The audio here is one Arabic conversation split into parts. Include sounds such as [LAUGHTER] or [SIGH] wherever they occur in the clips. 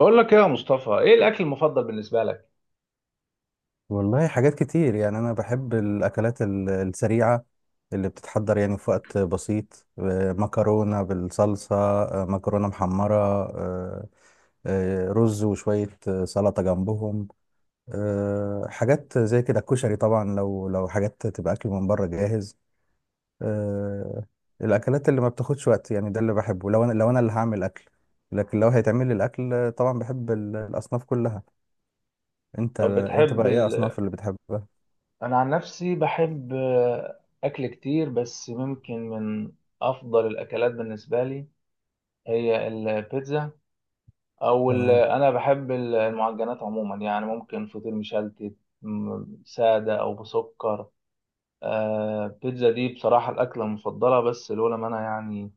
بقول لك ايه يا مصطفى؟ ايه الاكل المفضل بالنسبه لك؟ والله حاجات كتير، يعني أنا بحب الأكلات السريعة اللي بتتحضر يعني في وقت بسيط. مكرونة بالصلصة، مكرونة محمرة، رز وشوية، سلطة جنبهم، حاجات زي كده، الكشري. طبعا لو حاجات تبقى أكل من بره جاهز، آه، الأكلات اللي ما بتاخدش وقت، يعني ده اللي بحبه لو أنا، لو أنا اللي هعمل أكل. لكن لو هيتعمل لي الأكل، طبعا بحب الأصناف كلها. أنت، طب أنت بتحب بقى إيه ال... أصناف اللي بتحبها؟ انا عن نفسي بحب اكل كتير، بس ممكن من افضل الاكلات بالنسبه لي هي البيتزا. تمام. انا بحب المعجنات عموما، يعني ممكن فطير مشلتت ساده او بسكر. آه، بيتزا دي بصراحه الاكله المفضله، بس لولا ما انا يعني،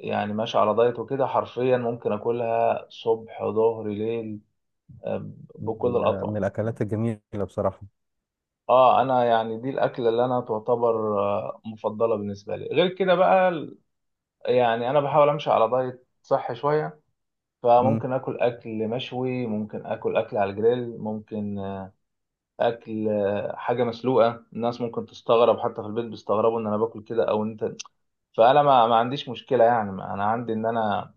يعني ماشي على دايت وكده، حرفيا ممكن اكلها صبح ظهر ليل، بكل من الاطعمه. الأكلات الجميلة بصراحة. اه، انا يعني دي الاكله اللي انا تعتبر مفضله بالنسبه لي. غير كده بقى يعني انا بحاول امشي على دايت صحي شويه، مم. فممكن اكل اكل مشوي، ممكن اكل اكل على الجريل، ممكن اكل حاجه مسلوقه. الناس ممكن تستغرب، حتى في البيت بيستغربوا ان انا باكل كده. او انت، فانا ما عنديش مشكله، يعني ما انا عندي ان انا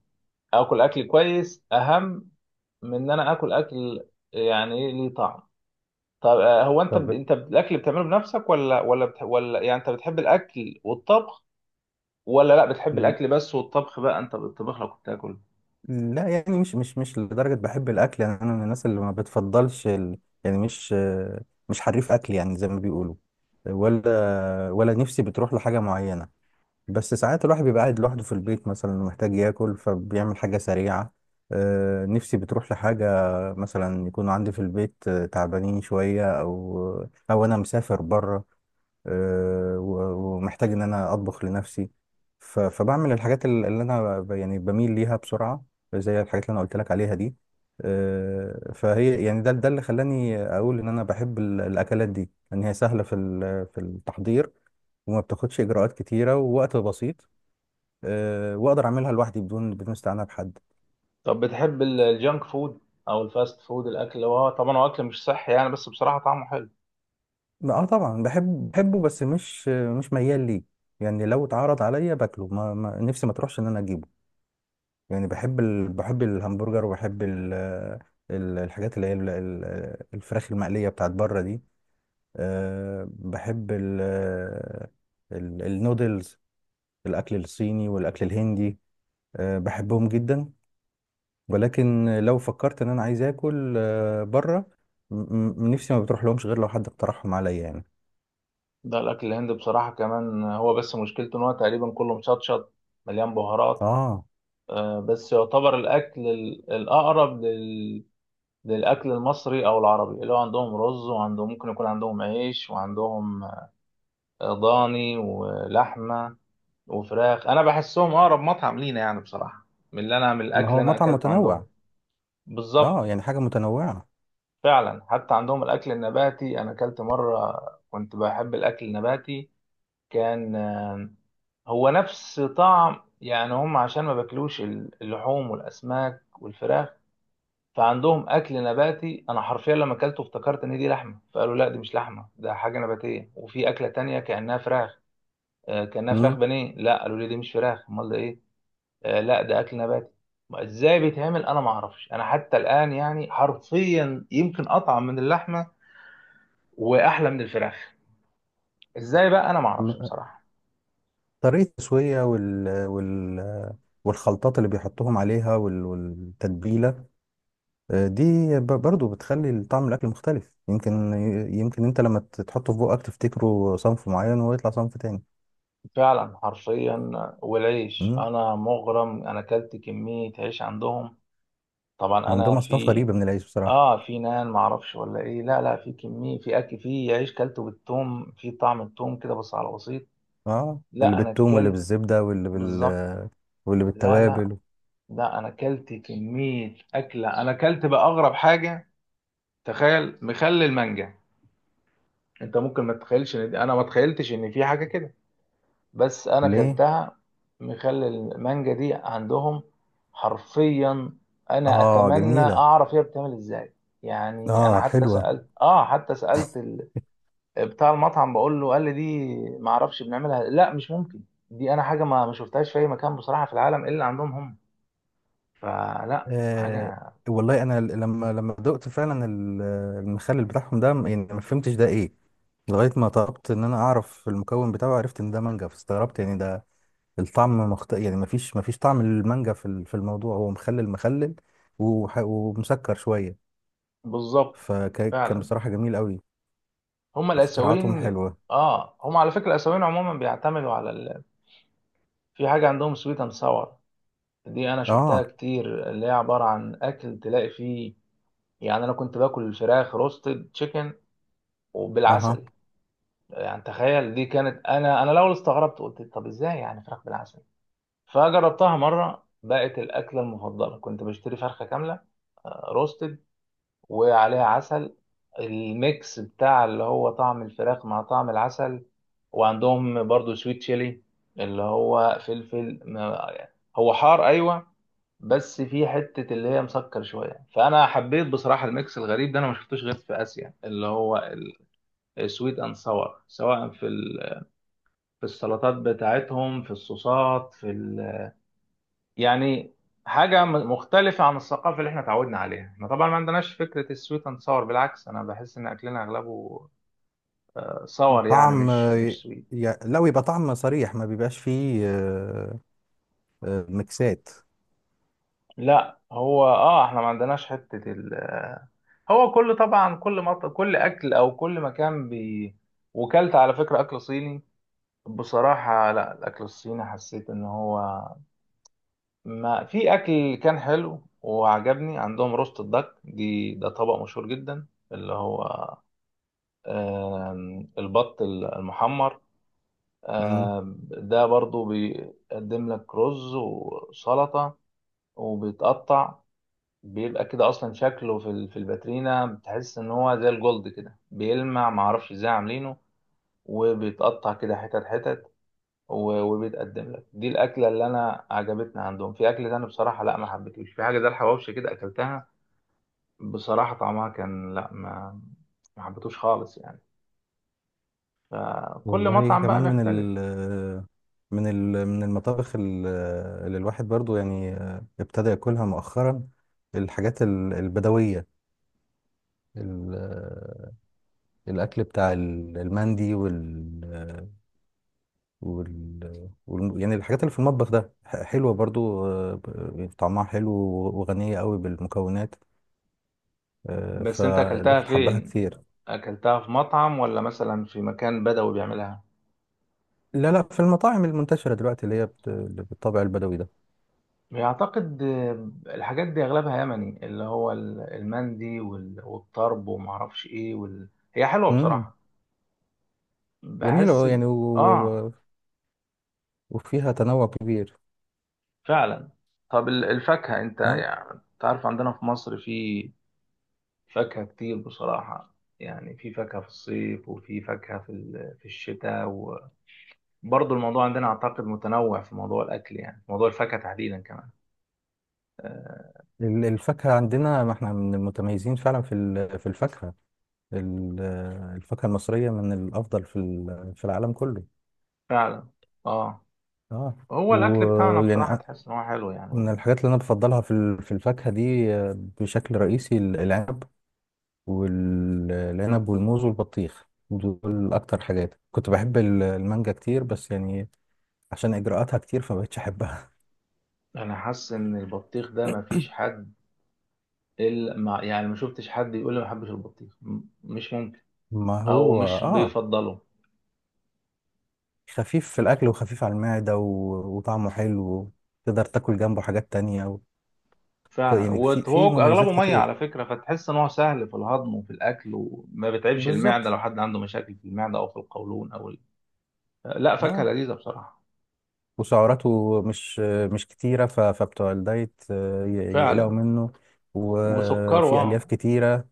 اكل اكل كويس اهم من ان انا اكل اكل يعني ايه ليه طعم. طب طب، انت الاكل بتعمله بنفسك، ولا يعني انت بتحب الاكل والطبخ، ولا لا بتحب ل- الاكل بس، والطبخ بقى انت بتطبخ لك وبتاكل؟ لا يعني مش لدرجة بحب الأكل. يعني أنا من الناس اللي ما بتفضلش يعني مش حريف أكل، يعني زي ما بيقولوا. ولا نفسي بتروح لحاجة معينة، بس ساعات الواحد بيبقى قاعد لوحده في البيت مثلا، محتاج ياكل فبيعمل حاجة سريعة. نفسي بتروح لحاجة، مثلا يكون عندي في البيت، تعبانين شوية، أو أنا مسافر بره، ومحتاج ان انا اطبخ لنفسي. فبعمل الحاجات اللي انا يعني بميل ليها بسرعه، زي الحاجات اللي انا قلت لك عليها دي. فهي يعني ده اللي خلاني اقول ان انا بحب الاكلات دي، ان هي سهله في في التحضير وما بتاخدش اجراءات كتيره، ووقت بسيط، واقدر اعملها لوحدي بدون استعانه بحد. طب بتحب الجانك فود او الفاست فود، الاكل اللي هو طبعا هو اكل مش صحي يعني، بس بصراحه طعمه حلو. اه طبعا بحب، بحبه، بس مش ميال ليه. يعني لو اتعرض عليا باكله، نفسي ما تروحش ان انا اجيبه. يعني بحب بحب الهمبرجر، وبحب ال- ال- الحاجات اللي هي الفراخ المقلية بتاعت بره دي. أه بحب النودلز، الأكل الصيني والأكل الهندي. أه بحبهم جدا. ولكن لو فكرت إن أنا عايز آكل أه بره، م- نفسي ما بتروح لهمش غير لو حد اقترحهم عليا يعني. ده الاكل الهندي بصراحه كمان هو، بس مشكلته ان هو تقريبا كله مشطشط مليان بهارات. آه، بس يعتبر الاكل الاقرب للاكل المصري او العربي، اللي هو عندهم رز، وعندهم ممكن يكون عندهم عيش، وعندهم ضاني ولحمه وفراخ. انا بحسهم اقرب مطعم لينا يعني بصراحه، من اللي انا من ما الاكل اللي هو انا مطعم اكلته متنوع. عندهم. بالظبط. آه، يعني حاجة متنوعة. فعلا، حتى عندهم الاكل النباتي، انا اكلت مره كنت بحب الاكل النباتي. كان هو نفس طعم يعني. هم عشان ما باكلوش اللحوم والاسماك والفراخ، فعندهم اكل نباتي. انا حرفيا لما اكلته افتكرت ان دي لحمه، فقالوا لا دي مش لحمه، ده حاجه نباتيه. وفي اكله تانية كانها فراخ، كانها فراخ مم. بانيه. لا قالوا لي دي مش فراخ. امال ده ايه؟ آه، لا ده اكل نباتي. ما ازاي بيتعمل؟ انا ما اعرفش انا حتى الان، يعني حرفيا يمكن اطعم من اللحمه واحلى من الفراخ. ازاي بقى؟ انا ما اعرفش بصراحه. طريقة التسوية والخلطات اللي بيحطوهم عليها والتتبيلة دي، برضو بتخلي طعم الأكل مختلف. يمكن، يمكن أنت لما تحطه في بقك تفتكره صنف معين ويطلع صنف تاني. فعلا، حرفيا. والعيش مم. انا مغرم، انا اكلت كميه عيش عندهم. طبعا انا عندهم أصناف في، غريبة من العيش بصراحة. اه في نان ما اعرفش ولا ايه. لا لا، في كميه، في اكل، في عيش كلته بالثوم، في طعم الثوم كده بس على بسيط. اه، اللي لا انا بالثوم، واللي اكلت. بالزبدة، بالظبط. واللي لا لا بالتوابل. لا، انا اكلت كميه اكله. انا اكلت بقى اغرب حاجه، تخيل، مخلل المانجا. انت ممكن ما تتخيلش ان دي، انا ما تخيلتش ان في حاجه كده، بس انا ليه؟ اكلتها. مخلل المانجا دي عندهم، حرفيا. انا اه اتمنى جميلة. اعرف هي بتعمل ازاي. يعني انا اه حتى حلوة. سالت، اه حتى سالت بتاع المطعم، بقول له، قال لي دي ما اعرفش بنعملها. لا مش ممكن، دي انا حاجه ما شفتهاش في اي مكان بصراحه في العالم الا عندهم هم، فلا آه. حاجه. والله انا لما، لما دقت فعلا المخلل بتاعهم ده، يعني ما فهمتش ده ايه، لغاية ما طلبت إن أنا أعرف المكون بتاعه، عرفت إن ده مانجا فاستغربت. يعني ده الطعم يعني مفيش طعم للمانجا في في الموضوع، هو مخلل، مخلل ومسكر شوية. بالظبط. فكان فعلا. بصراحة جميل أوي. هم اختراعاتهم الاسيويين، حلوة. اه هم على فكره الاسيويين عموما بيعتمدوا على في حاجه عندهم سويت اند ساور، دي انا شفتها آه. كتير، اللي هي عباره عن اكل تلاقي فيه، يعني. انا كنت باكل الفراخ روستد تشيكن أها. وبالعسل. يعني تخيل، دي كانت، انا الاول استغربت قلت طب ازاي يعني فراخ بالعسل، فجربتها مره بقت الاكله المفضله. كنت بشتري فرخه كامله روستد وعليها عسل، الميكس بتاع اللي هو طعم الفراخ مع طعم العسل. وعندهم برضو سويت تشيلي، اللي هو فلفل هو حار ايوه، بس في حتة اللي هي مسكر شوية. فانا حبيت بصراحة الميكس الغريب ده، انا ما شفتوش غير في اسيا، اللي هو السويت اند ساور، سواء في في السلطات بتاعتهم، في الصوصات، في ال، يعني حاجة مختلفة عن الثقافة اللي احنا اتعودنا عليها. احنا طبعا ما عندناش فكرة السويت اند صور. بالعكس، انا بحس ان اكلنا اغلبه صور يعني، طعم مش مش سويت. لا، ويبقى طعم صريح، ما بيبقاش فيه ميكسات. لا هو اه، احنا ما عندناش حتة ال هو كل طبعا كل اكل او كل مكان بي. وكلت على فكرة اكل صيني بصراحة. لا الاكل الصيني حسيت ان هو ما، في اكل كان حلو وعجبني عندهم، روست الدك دي، ده طبق مشهور جدا، اللي هو البط المحمر. إمم. آم، ده برضو بيقدم لك رز وسلطة وبيتقطع، بيبقى كده اصلا شكله في في الباترينا بتحس ان هو زي الجولد كده بيلمع، معرفش ازاي عاملينه، وبيتقطع كده حتت حتت، وبيتقدم لك. دي الاكله اللي انا عجبتني عندهم. في اكل تاني بصراحه لا ما حبيتوش، في حاجه زي الحواوشي كده اكلتها بصراحه، طعمها كان، لا ما حبيتوش خالص يعني. فكل والله مطعم كمان بقى من بيختلف. ال، من المطابخ اللي الواحد برضو يعني ابتدى ياكلها مؤخرا، الحاجات البدوية، ال- الأكل بتاع المندي وال, وال, وال يعني الحاجات اللي في المطبخ ده، حلوة برضو، طعمها حلو وغنية قوي بالمكونات، بس انت اكلتها فالواحد حبها فين؟ كتير. اكلتها في مطعم، ولا مثلا في مكان بدوي بيعملها؟ لا، في المطاعم المنتشرة دلوقتي اللي هي بالطابع البدوي ده. اعتقد الحاجات دي اغلبها يمني، اللي هو المندي والطرب ومعرفش ايه هي حلوة مم. بصراحة، جميل بحس أهو يعني، اه وفيها تنوع كبير. فعلا. طب الفاكهة، انت ها، يعني تعرف عندنا في مصر في فاكهة كتير بصراحة. يعني في فاكهة في الصيف وفي فاكهة في في الشتاء. وبرضه الموضوع عندنا اعتقد متنوع في موضوع الاكل، يعني موضوع الفاكهة تحديدا كمان. آه، الفاكهة عندنا، ما احنا من المتميزين فعلا في في الفاكهة. ال- الفاكهة المصرية من الأفضل في في العالم كله. فعلا. اه، اه. هو الاكل بتاعنا ويعني بصراحه تحس ان هو حلو يعني من هو. الحاجات اللي أنا بفضلها في في الفاكهة دي، بشكل رئيسي العنب، والعنب والموز والبطيخ، دول أكتر حاجات. كنت بحب المانجا كتير، بس يعني عشان إجراءاتها كتير فمبقتش أحبها. انا حاسس ان البطيخ ده ما [LAUGHS] فيش حد إلا ما، يعني ما شفتش حد يقول لي ما بحبش البطيخ، مش ممكن، ما او هو مش اه، بيفضله. خفيف في الأكل وخفيف على المعدة و... وطعمه حلو، تقدر تاكل جنبه حاجات تانية. و... فعلا. يعني في في وهو مميزات اغلبه ميه على كتير. فكره، فتحس ان هو سهل في الهضم وفي الاكل، وما بيتعبش المعده بالظبط. لو حد عنده مشاكل في المعده او في القولون لا فاكهه اه، لذيذه بصراحه. وسعراته مش كتيرة، ف... فبتوع الدايت يقلقوا فعلا. منه. وسكره وفي ألياف اه، كتيرة.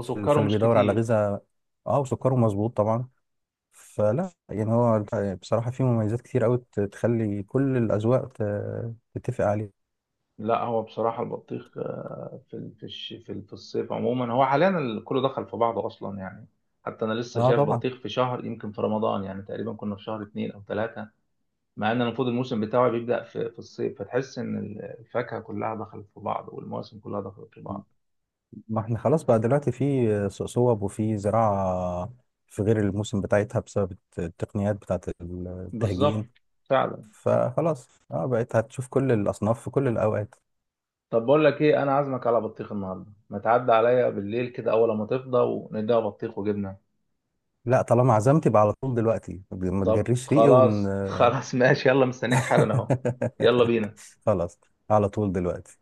فاللي مش بيدور على كتير. غذاء، اه وسكره مظبوط طبعا. فلا يعني هو بصراحة في مميزات كتير أوي تخلي كل الأذواق تتفق عليه. لا هو بصراحة البطيخ، في في الصيف عموما. هو حاليا ال كله دخل في بعضه أصلا يعني، حتى أنا لسه اه شايف طبعا. بطيخ في شهر يمكن في رمضان، يعني تقريبا كنا في شهر 2 أو 3، مع إن المفروض الموسم بتاعه بيبدأ في الصيف، فتحس إن الفاكهة كلها دخلت في بعض، والمواسم كلها دخلت في بعض. ما احنا خلاص بقى دلوقتي في سوق صوب وفي زراعة في غير الموسم بتاعتها بسبب التقنيات بتاعت بالظبط. التهجين. فعلا. فخلاص اه بقيت هتشوف كل الأصناف في كل الأوقات. طب بقول لك إيه، أنا عازمك على بطيخ النهاردة، ما تعدي عليا بالليل كده أول ما تفضى، ونديها بطيخ وجبنة. لا طالما عزمت يبقى على طول دلوقتي، ما طب تجريش ريقي ون خلاص [LAUGHS] خلاص ماشي، يلا مستنيك حالا أهو. يلا [LAUGHS] بينا. خلاص، على طول دلوقتي.